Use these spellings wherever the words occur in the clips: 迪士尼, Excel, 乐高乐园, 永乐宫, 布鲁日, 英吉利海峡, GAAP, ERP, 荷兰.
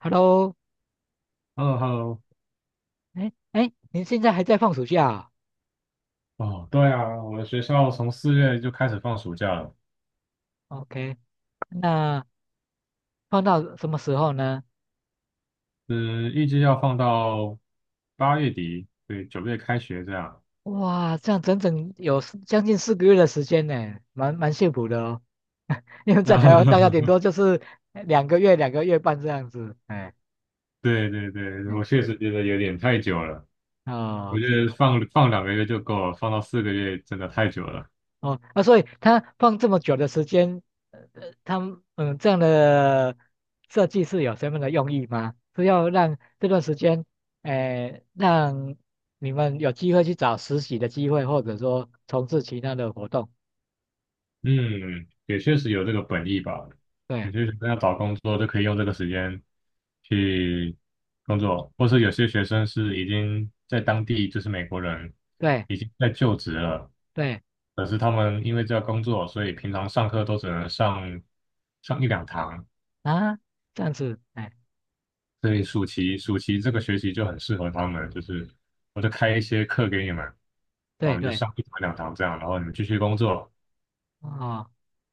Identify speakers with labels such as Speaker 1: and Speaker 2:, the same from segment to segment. Speaker 1: Hello,
Speaker 2: 嗯喽。
Speaker 1: 哎哎，您现在还在放暑假啊
Speaker 2: 哦，对啊，我们学校从四月就开始放暑假了，
Speaker 1: ？OK,那放到什么时候呢？
Speaker 2: 嗯，预计要放到八月底，对，九月开学这样。
Speaker 1: 哇，这样整整有四将近四个月的时间呢，蛮幸福的哦。因为在
Speaker 2: 那
Speaker 1: 台湾大概顶多 就是两个月、两个月半这样子。哎，
Speaker 2: 对对对，
Speaker 1: 嗯，
Speaker 2: 我确实觉得有点太久了，我
Speaker 1: 哦，
Speaker 2: 觉得
Speaker 1: 是。
Speaker 2: 放两个月就够了，放到四个月真的太久了。
Speaker 1: 哦，啊，所以他放这么久的时间，他们这样的设计是有什么样的用意吗？是要让这段时间，诶、让你们有机会去找实习的机会，或者说从事其他的活动。
Speaker 2: 嗯，也确实有这个本意吧。
Speaker 1: 对
Speaker 2: 有些学生要找工作就可以用这个时间去工作，或是有些学生是已经在当地，就是美国人
Speaker 1: 对
Speaker 2: 已经在就职了，
Speaker 1: 对
Speaker 2: 可是他们因为这个工作，所以平常上课都只能上一两堂，
Speaker 1: 啊，这样子，哎，
Speaker 2: 所以暑期这个学期就很适合他们，就是我就开一些课给你们，然后
Speaker 1: 对
Speaker 2: 你就
Speaker 1: 对
Speaker 2: 上一堂两堂这样，然后你们继续工作。
Speaker 1: 哦，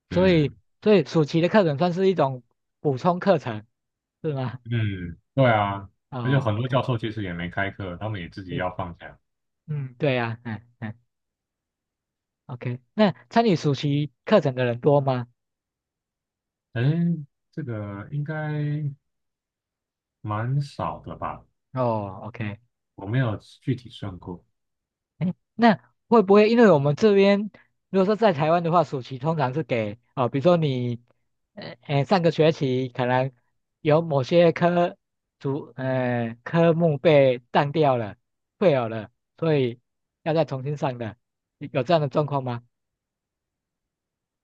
Speaker 1: 所以
Speaker 2: 嗯。
Speaker 1: 所以暑期的课程算是一种补充课程是吗？
Speaker 2: 嗯，对啊，而且
Speaker 1: 哦
Speaker 2: 很多
Speaker 1: ，OK,
Speaker 2: 教授其实也没开课，他们也自己
Speaker 1: 是，
Speaker 2: 要放假。
Speaker 1: 嗯，对呀、啊，哎哎。OK,那参与暑期课程的人多吗？
Speaker 2: 哎，这个应该蛮少的吧？
Speaker 1: 哦，OK,
Speaker 2: 我没有具体算过。
Speaker 1: 哎，那会不会因为我们这边如果说在台湾的话，暑期通常是给哦，比如说你，上个学期可能有某些科科目被当掉了、退有了，所以要再重新上的，有这样的状况吗？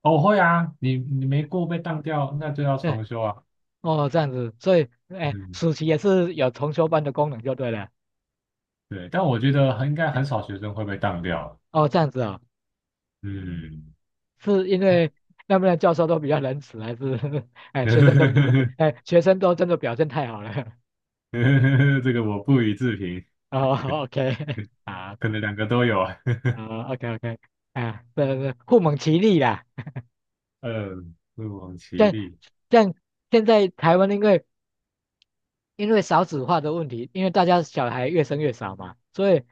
Speaker 2: 哦，会啊，你没过被当掉，那就要
Speaker 1: 对，
Speaker 2: 重修啊。
Speaker 1: 哦，这样子，所以哎，
Speaker 2: 嗯，
Speaker 1: 暑期也是有重修班的功能就对了。
Speaker 2: 对，但我觉得很应该很少学生会被当掉。
Speaker 1: 哦，这样子哦
Speaker 2: 嗯，
Speaker 1: 是因为那边的教授都比较仁慈，还是 哎学生都 哎学生都真的表现太好了？
Speaker 2: 这个我不予置评，
Speaker 1: 哦，OK 啊，
Speaker 2: 可能两个都有啊。
Speaker 1: 哦，OK OK 啊，对对对，互蒙其力啦。
Speaker 2: 嗯，不遑其
Speaker 1: 像
Speaker 2: 力。
Speaker 1: 像现在台湾因为少子化的问题，因为大家小孩越生越少嘛，所以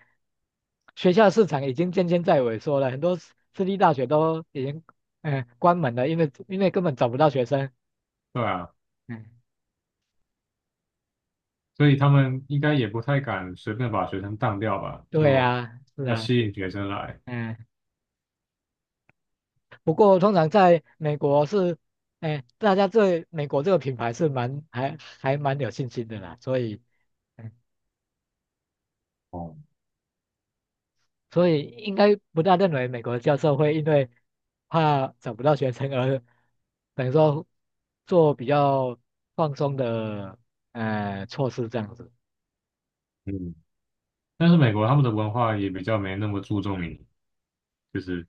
Speaker 1: 学校市场已经渐渐在萎缩了，很多私立大学都已经关门了，因为根本找不到学生。
Speaker 2: 对啊，
Speaker 1: 嗯，
Speaker 2: 所以他们应该也不太敢随便把学生当掉吧，
Speaker 1: 对
Speaker 2: 就
Speaker 1: 呀，是
Speaker 2: 要
Speaker 1: 啊。
Speaker 2: 吸引学生来。
Speaker 1: 嗯。不过通常在美国是，哎，大家对美国这个品牌是蛮还蛮有信心的啦，所以，嗯
Speaker 2: 哦，
Speaker 1: 所以应该不大认为美国的教授会因为怕找不到学生而等于说做比较放松的措施这样子。
Speaker 2: 嗯，但是美国他们的文化也比较没那么注重你，就是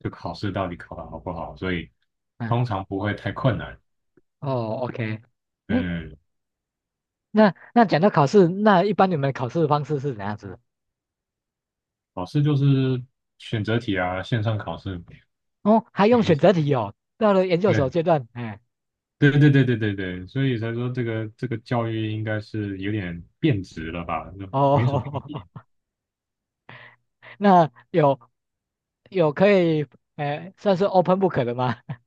Speaker 2: 就考试到底考得好不好，所以
Speaker 1: 嗯，
Speaker 2: 通常不会太困难。
Speaker 1: 哦，OK,哎，
Speaker 2: 嗯，
Speaker 1: 那讲到考试，那一般你们考试的方式是怎样子？
Speaker 2: 考试就是选择题啊，线上考试。
Speaker 1: 哦，还
Speaker 2: 写
Speaker 1: 用
Speaker 2: 一
Speaker 1: 选择题哦，到了研究所阶段，哎，
Speaker 2: 对对对对对对对，所以才说这个教育应该是有点变质了吧，就没什么意义。
Speaker 1: 哦，那有。有可以，哎，算是 open book 的吗？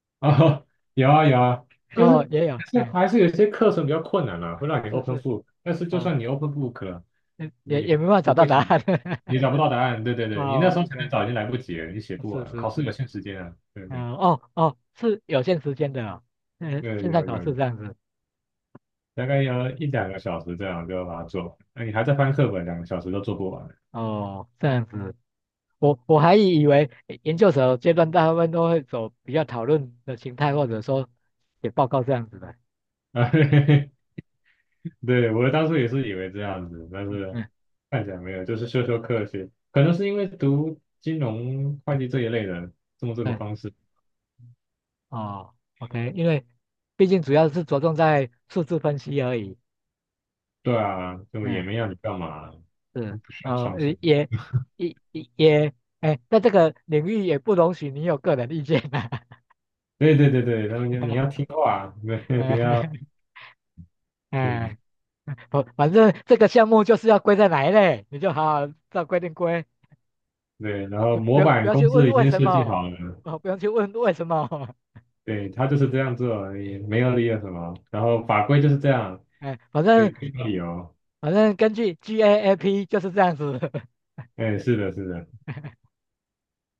Speaker 2: 啊，有啊有啊，就
Speaker 1: 哦，
Speaker 2: 是
Speaker 1: 也有，
Speaker 2: 还是
Speaker 1: 哎，
Speaker 2: 还是有些课程比较困难了、会让你
Speaker 1: 是
Speaker 2: open
Speaker 1: 是，
Speaker 2: book,但是就
Speaker 1: 啊，
Speaker 2: 算你 open book 了，
Speaker 1: 也也
Speaker 2: 你
Speaker 1: 也
Speaker 2: 还
Speaker 1: 没办法找
Speaker 2: 不
Speaker 1: 到
Speaker 2: 会
Speaker 1: 答
Speaker 2: 写，
Speaker 1: 案。
Speaker 2: 你找不到答案，对对对，你那时
Speaker 1: 哦
Speaker 2: 候前面
Speaker 1: ，OK,
Speaker 2: 找已经来不及了，你写不
Speaker 1: 是
Speaker 2: 完，
Speaker 1: 是
Speaker 2: 考试
Speaker 1: 是，
Speaker 2: 有限时间啊，对对
Speaker 1: 嗯，哦哦，是有限时间的哦，嗯，
Speaker 2: 对，
Speaker 1: 线上
Speaker 2: 有有
Speaker 1: 考
Speaker 2: 有，
Speaker 1: 试这样子，
Speaker 2: 大概要一两个小时这样就要把它做完，那你还在翻课本，两个小时都做不完
Speaker 1: 哦，这样子，我还以为研究所阶段大部分都会走比较讨论的形态，或者说写报告这样子的。
Speaker 2: 啊。对，我当初也是以为这样子，但
Speaker 1: 嗯
Speaker 2: 是
Speaker 1: 嗯，
Speaker 2: 看起来没有，就是修学，可能是因为读金融会计这一类的，这么这个
Speaker 1: 嗯，
Speaker 2: 方式。
Speaker 1: 哦，OK,因为毕竟主要是着重在数字分析而已。
Speaker 2: 对啊，就也
Speaker 1: 嗯。
Speaker 2: 没要你干嘛，不
Speaker 1: 是，
Speaker 2: 需要
Speaker 1: 呃，
Speaker 2: 创新。
Speaker 1: 也也哎，在这个领域也不容许你有个人意见啊。
Speaker 2: 对对对对，他们就你要 听话，对，不要
Speaker 1: 哎哎，
Speaker 2: 对
Speaker 1: 不，反正这个项目就是要归在哪一类，你就好好照规定归，
Speaker 2: 对，然后模
Speaker 1: 不
Speaker 2: 板
Speaker 1: 要去
Speaker 2: 公司
Speaker 1: 问
Speaker 2: 已
Speaker 1: 为
Speaker 2: 经
Speaker 1: 什
Speaker 2: 设计
Speaker 1: 么，
Speaker 2: 好了，
Speaker 1: 哦，不用去问为什么，
Speaker 2: 对，他就是这样做，也没有理由什么，然后法规就是这样，
Speaker 1: 哎，反
Speaker 2: 所以
Speaker 1: 正
Speaker 2: 不需要理由。
Speaker 1: 反正根据 GAAP 就是这样子。
Speaker 2: 哎，是的，是的，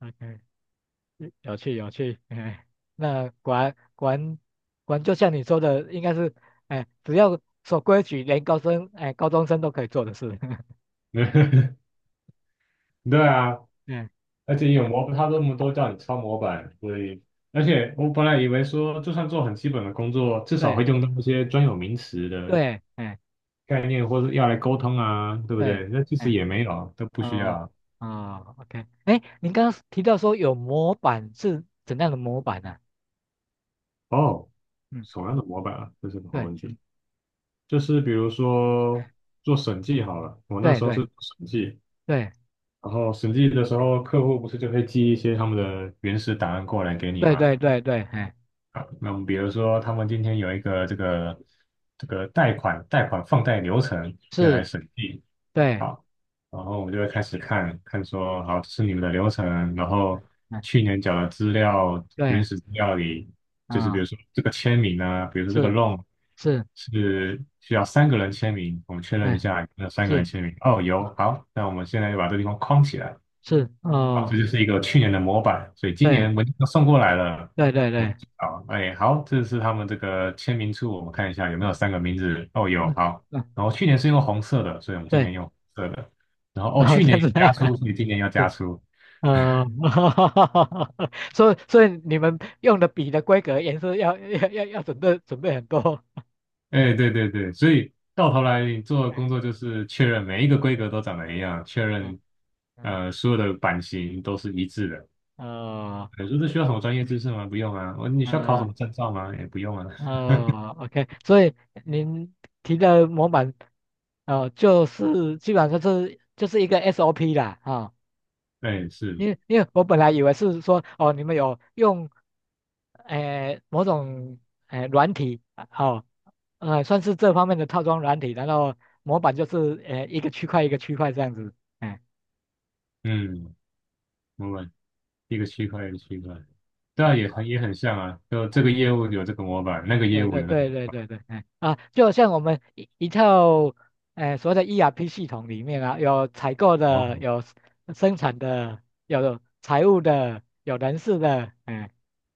Speaker 1: OK 有趣有趣，哎，那果然就像你说的，应该是，哎，只要守规矩，连哎高中生都可以做的事，
Speaker 2: 对啊，
Speaker 1: 嗯，
Speaker 2: 而且有模，他这么多叫你抄模板，所以而且我本来以为说，就算做很基本的工作，至少
Speaker 1: 对
Speaker 2: 会用到一些专有名词的
Speaker 1: 对，哎
Speaker 2: 概念，或者要来沟通啊，对不
Speaker 1: 对，
Speaker 2: 对？那其实
Speaker 1: 哎
Speaker 2: 也没有，都不需
Speaker 1: 哦
Speaker 2: 要。
Speaker 1: 哦，OK,哎，您刚刚提到说有模板是怎样的模板呢、
Speaker 2: 哦，
Speaker 1: 嗯，
Speaker 2: 什么样的模板啊？这是个好问
Speaker 1: 对
Speaker 2: 题。就是比如说做审计好了，我那
Speaker 1: 对
Speaker 2: 时候是
Speaker 1: 对
Speaker 2: 做审计，
Speaker 1: 对
Speaker 2: 然后审计的时候，客户不是就会寄一些他们的原始档案过来给你
Speaker 1: 对
Speaker 2: 吗？
Speaker 1: 对对对，哎
Speaker 2: 好，那我们比如说，他们今天有一个这个贷款放贷流程要来
Speaker 1: 是，
Speaker 2: 审计，
Speaker 1: 对，
Speaker 2: 好，然后我们就会开始看看说，好，这是你们的流程，然后
Speaker 1: 哎
Speaker 2: 去年缴的资料原
Speaker 1: 对，
Speaker 2: 始资料里，就是比如
Speaker 1: 啊、
Speaker 2: 说这个签名呢，比如说这个
Speaker 1: 是
Speaker 2: loan
Speaker 1: 是，
Speaker 2: 是需要三个人签名，我们确认一
Speaker 1: 哎
Speaker 2: 下有没有三个人
Speaker 1: 是
Speaker 2: 签名，哦，有，好，那我们现在就把这地方框起来。
Speaker 1: 是
Speaker 2: 好，这
Speaker 1: 哦，
Speaker 2: 就是一个去年的模板，所以今年
Speaker 1: 对
Speaker 2: 文件都送过来了，
Speaker 1: 对对
Speaker 2: 我们
Speaker 1: 对。
Speaker 2: 好，哎，好，这是他们这个签名处，我们看一下有没有三个名字，哦，有，
Speaker 1: 嗯，
Speaker 2: 好，
Speaker 1: 啊，
Speaker 2: 然后去年是用红色的，所以我们今
Speaker 1: 对，
Speaker 2: 年用红色的，然后哦，
Speaker 1: 然后
Speaker 2: 去
Speaker 1: 在
Speaker 2: 年有
Speaker 1: 那
Speaker 2: 加
Speaker 1: 儿，
Speaker 2: 粗，所以今年要加
Speaker 1: 是
Speaker 2: 粗，
Speaker 1: 呃，所以你们用的笔的规格也是要准备很多，
Speaker 2: 哎，对对对，所以到头来你做的工作就是确认每一个规格都长得一样，确
Speaker 1: 嗯
Speaker 2: 认
Speaker 1: 嗯
Speaker 2: 所有的版型都是一致的。
Speaker 1: 呃
Speaker 2: 你说这需要什么专业知识吗？不用啊，哦你需要考什么
Speaker 1: 嗯
Speaker 2: 证照吗？也不用啊，
Speaker 1: ，OK,所以您提的模板，呃，就是基本上就是一个 SOP 啦，啊、
Speaker 2: 对，是，
Speaker 1: 因为我本来以为是说哦，你们有用某种软体啊哦，算是这方面的套装软体，然后模板就是一个区块一个区块这样子，哎，
Speaker 2: 嗯，没问题。一个区块一个区块，对啊，
Speaker 1: 啊，
Speaker 2: 也很也很像啊，就这个业务有这个模板，那
Speaker 1: 对
Speaker 2: 个业
Speaker 1: 对
Speaker 2: 务
Speaker 1: 对
Speaker 2: 有那个
Speaker 1: 对
Speaker 2: 模
Speaker 1: 对对对，哎啊，就像我们一套所谓的 ERP 系统里面啊，有采
Speaker 2: 板。
Speaker 1: 购
Speaker 2: 哦，
Speaker 1: 的，有生产的，有财务的，有人事的，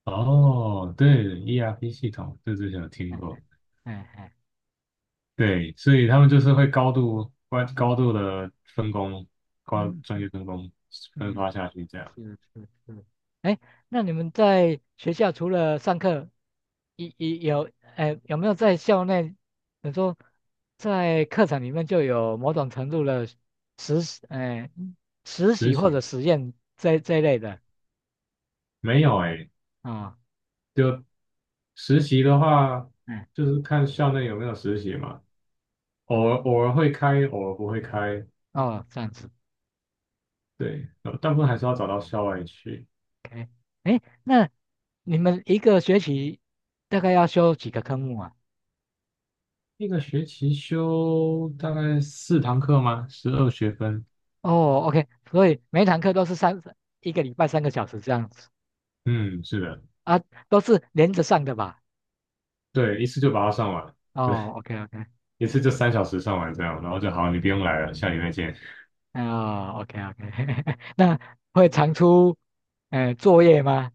Speaker 2: 哦，对，ERP 系统，这之前有听
Speaker 1: 哎
Speaker 2: 过。
Speaker 1: 哎，
Speaker 2: 对，所以他们就是会高度的分工，高专
Speaker 1: 嗯
Speaker 2: 业分工分
Speaker 1: 嗯。
Speaker 2: 发下去这样。
Speaker 1: 是是是，哎，那你们在学校除了上课，一一有，哎，有没有在校内，你说在课程里面就有某种程度的实习哎，实
Speaker 2: 实
Speaker 1: 习或
Speaker 2: 习
Speaker 1: 者实验这一类的
Speaker 2: 没有哎、
Speaker 1: 啊，
Speaker 2: 就实习的话，
Speaker 1: 嗯，
Speaker 2: 就是看校内有没有实习嘛，偶尔会开，偶尔不会开。
Speaker 1: 哦，这样子
Speaker 2: 对，大部分还是要找到校外去。
Speaker 1: ，OK,哎，那你们一个学期大概要修几个科目啊？
Speaker 2: 一个学期修大概四堂课吗？十二学分。
Speaker 1: 哦，OK,所以每一堂课都是一个礼拜三个小时这样子
Speaker 2: 嗯，是的，
Speaker 1: 啊，都是连着上的吧？
Speaker 2: 对，一次就把它上完，
Speaker 1: 哦，OK OK,
Speaker 2: 一次就三小时上完这样，然后就好，你不用来了，下礼拜见。
Speaker 1: 哦，OK OK,那会常出，作业吗？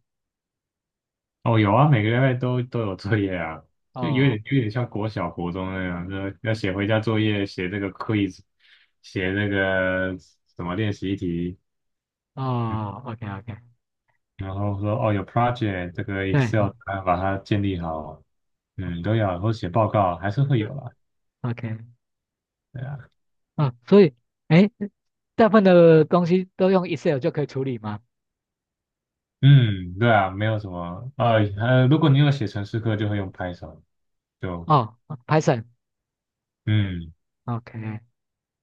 Speaker 2: 哦，有啊，每个礼拜都有作业啊，就有
Speaker 1: 哦
Speaker 2: 点有点像国小、国中那样，就要写回家作业，写这个 quiz,写那个什么练习题，嗯
Speaker 1: 哦，OK OK,
Speaker 2: 然后说哦有 project 这个 Excel
Speaker 1: 对
Speaker 2: 档案把它建立好，嗯，都要，然后写报告还是会有
Speaker 1: 是
Speaker 2: 啦。
Speaker 1: ，OK,
Speaker 2: 对啊
Speaker 1: 哦，所以，哎，大部分的东西都用 Excel 就可以处理吗？
Speaker 2: 嗯，对啊，没有什么啊，如果你有写程式课，就会用 Python,就
Speaker 1: 哦Python，OK，
Speaker 2: 嗯，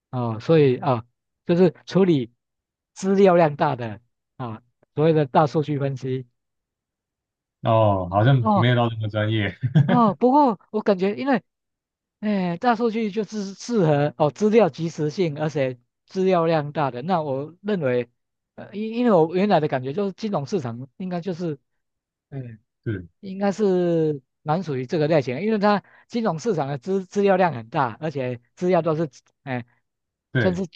Speaker 1: 哦，所以哦，就是处理资料量大的啊，所谓的大数据分析。
Speaker 2: 哦，好像
Speaker 1: 哦
Speaker 2: 没有到那么专业，
Speaker 1: 哦，不过我感觉因为哎，大数据就是适合哦，资料及时性，而且资料量大的。那我认为，呃，因为我原来的感觉就是金融市场应该就是，嗯，
Speaker 2: 对
Speaker 1: 应该是蛮属于这个类型的，因为它金融市场的资料量很大，而且资料都是，哎，算
Speaker 2: 对，
Speaker 1: 是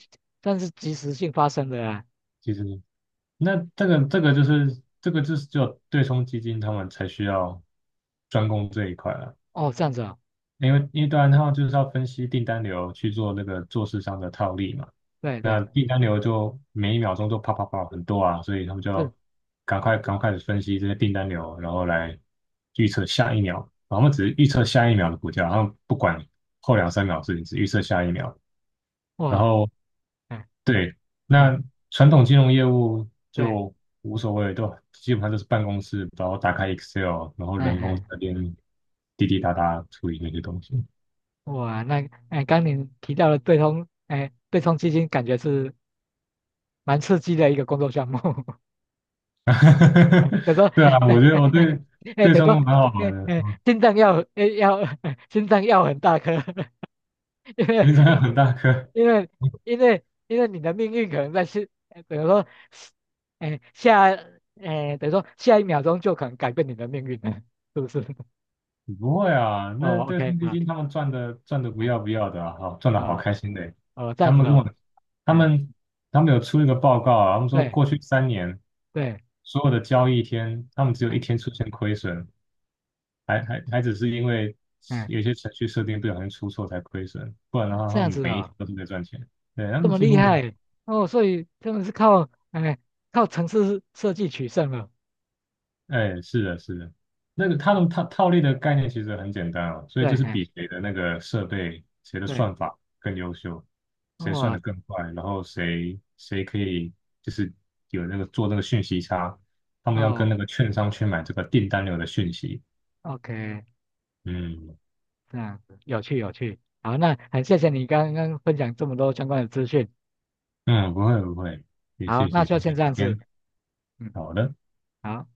Speaker 1: 算是及时性发生的啊。
Speaker 2: 其实那这个就是这个就是就对冲基金他们才需要专攻这一块了，
Speaker 1: 哦，这样子哦，
Speaker 2: 因为因为当然他们就是要分析订单流去做那个做市商的套利嘛。
Speaker 1: 对
Speaker 2: 那
Speaker 1: 对，
Speaker 2: 订单流就每一秒钟都啪啪啪很多啊，所以他们就
Speaker 1: 是
Speaker 2: 要赶快的分析这些订单流，然后来预测下一秒。然后他们只是预测下一秒的股价，然后不管后两三秒的事情，只预测下一秒。然
Speaker 1: 哇，
Speaker 2: 后
Speaker 1: 哎
Speaker 2: 对，
Speaker 1: 哎
Speaker 2: 那传统金融业务
Speaker 1: 对，
Speaker 2: 就无所谓，都基本上都是办公室，然后打开 Excel,然后
Speaker 1: 哎
Speaker 2: 人工
Speaker 1: 哎
Speaker 2: 在那边滴滴答答处理那些东西。
Speaker 1: 哇，那哎刚你提到的对冲，哎对冲基金，感觉是。蛮刺激的一个工作项目。等于说，
Speaker 2: 对啊，我觉得我对
Speaker 1: 哎，
Speaker 2: 对
Speaker 1: 等于
Speaker 2: 中
Speaker 1: 说，
Speaker 2: 文蛮好玩
Speaker 1: 哎
Speaker 2: 的，
Speaker 1: 哎，
Speaker 2: 嗯，
Speaker 1: 心脏要哎要 心脏要很大颗，因为
Speaker 2: 因为中文很大颗。
Speaker 1: 因为因为你的命运可能在是，等于说，哎下哎等于说下一秒钟就可能改变你的命运了，是不是？
Speaker 2: 不会啊，那
Speaker 1: 哦
Speaker 2: 对
Speaker 1: ，OK
Speaker 2: 冲基
Speaker 1: 啊，
Speaker 2: 金他们赚的不
Speaker 1: 哎
Speaker 2: 要不要的啊，好赚的好
Speaker 1: 啊
Speaker 2: 开心的。
Speaker 1: 哦这
Speaker 2: 他
Speaker 1: 样子
Speaker 2: 们跟我，
Speaker 1: 哦，
Speaker 2: 他
Speaker 1: 哎
Speaker 2: 们他们有出一个报告啊，他们说
Speaker 1: 对
Speaker 2: 过去三年
Speaker 1: 对，
Speaker 2: 所有的交易天，他们只有一
Speaker 1: 哎
Speaker 2: 天出现亏损，还只是因为
Speaker 1: 哎
Speaker 2: 有些程序设定不小心出错才亏损，不然的话
Speaker 1: 这
Speaker 2: 他
Speaker 1: 样
Speaker 2: 们
Speaker 1: 子
Speaker 2: 每一
Speaker 1: 哦。
Speaker 2: 天都是在赚钱。对，他
Speaker 1: 这
Speaker 2: 们
Speaker 1: 么
Speaker 2: 几
Speaker 1: 厉
Speaker 2: 乎没有。
Speaker 1: 害哦，所以他们是靠哎靠城市设计取胜了
Speaker 2: 哎，是的，是的，那个他
Speaker 1: 啊，
Speaker 2: 们套利的概念其实很简单啊，所以
Speaker 1: 对，
Speaker 2: 就是
Speaker 1: 哎
Speaker 2: 比谁的那个设备、谁的
Speaker 1: 对，
Speaker 2: 算法更优秀，谁算
Speaker 1: 哇
Speaker 2: 得更快，然后谁可以就是有那个做那个讯息差，他们要跟
Speaker 1: 哦
Speaker 2: 那个券商去买这个订单流的讯息。
Speaker 1: ，OK,
Speaker 2: 嗯
Speaker 1: 这样子有趣有趣，好，那很谢谢你刚刚分享这么多相关的资讯，
Speaker 2: 嗯，不会不会，也
Speaker 1: 好，
Speaker 2: 谢
Speaker 1: 那
Speaker 2: 谢
Speaker 1: 就
Speaker 2: 今天的
Speaker 1: 先这样
Speaker 2: 聊
Speaker 1: 子，
Speaker 2: 天，
Speaker 1: 嗯，
Speaker 2: 好的。
Speaker 1: 好。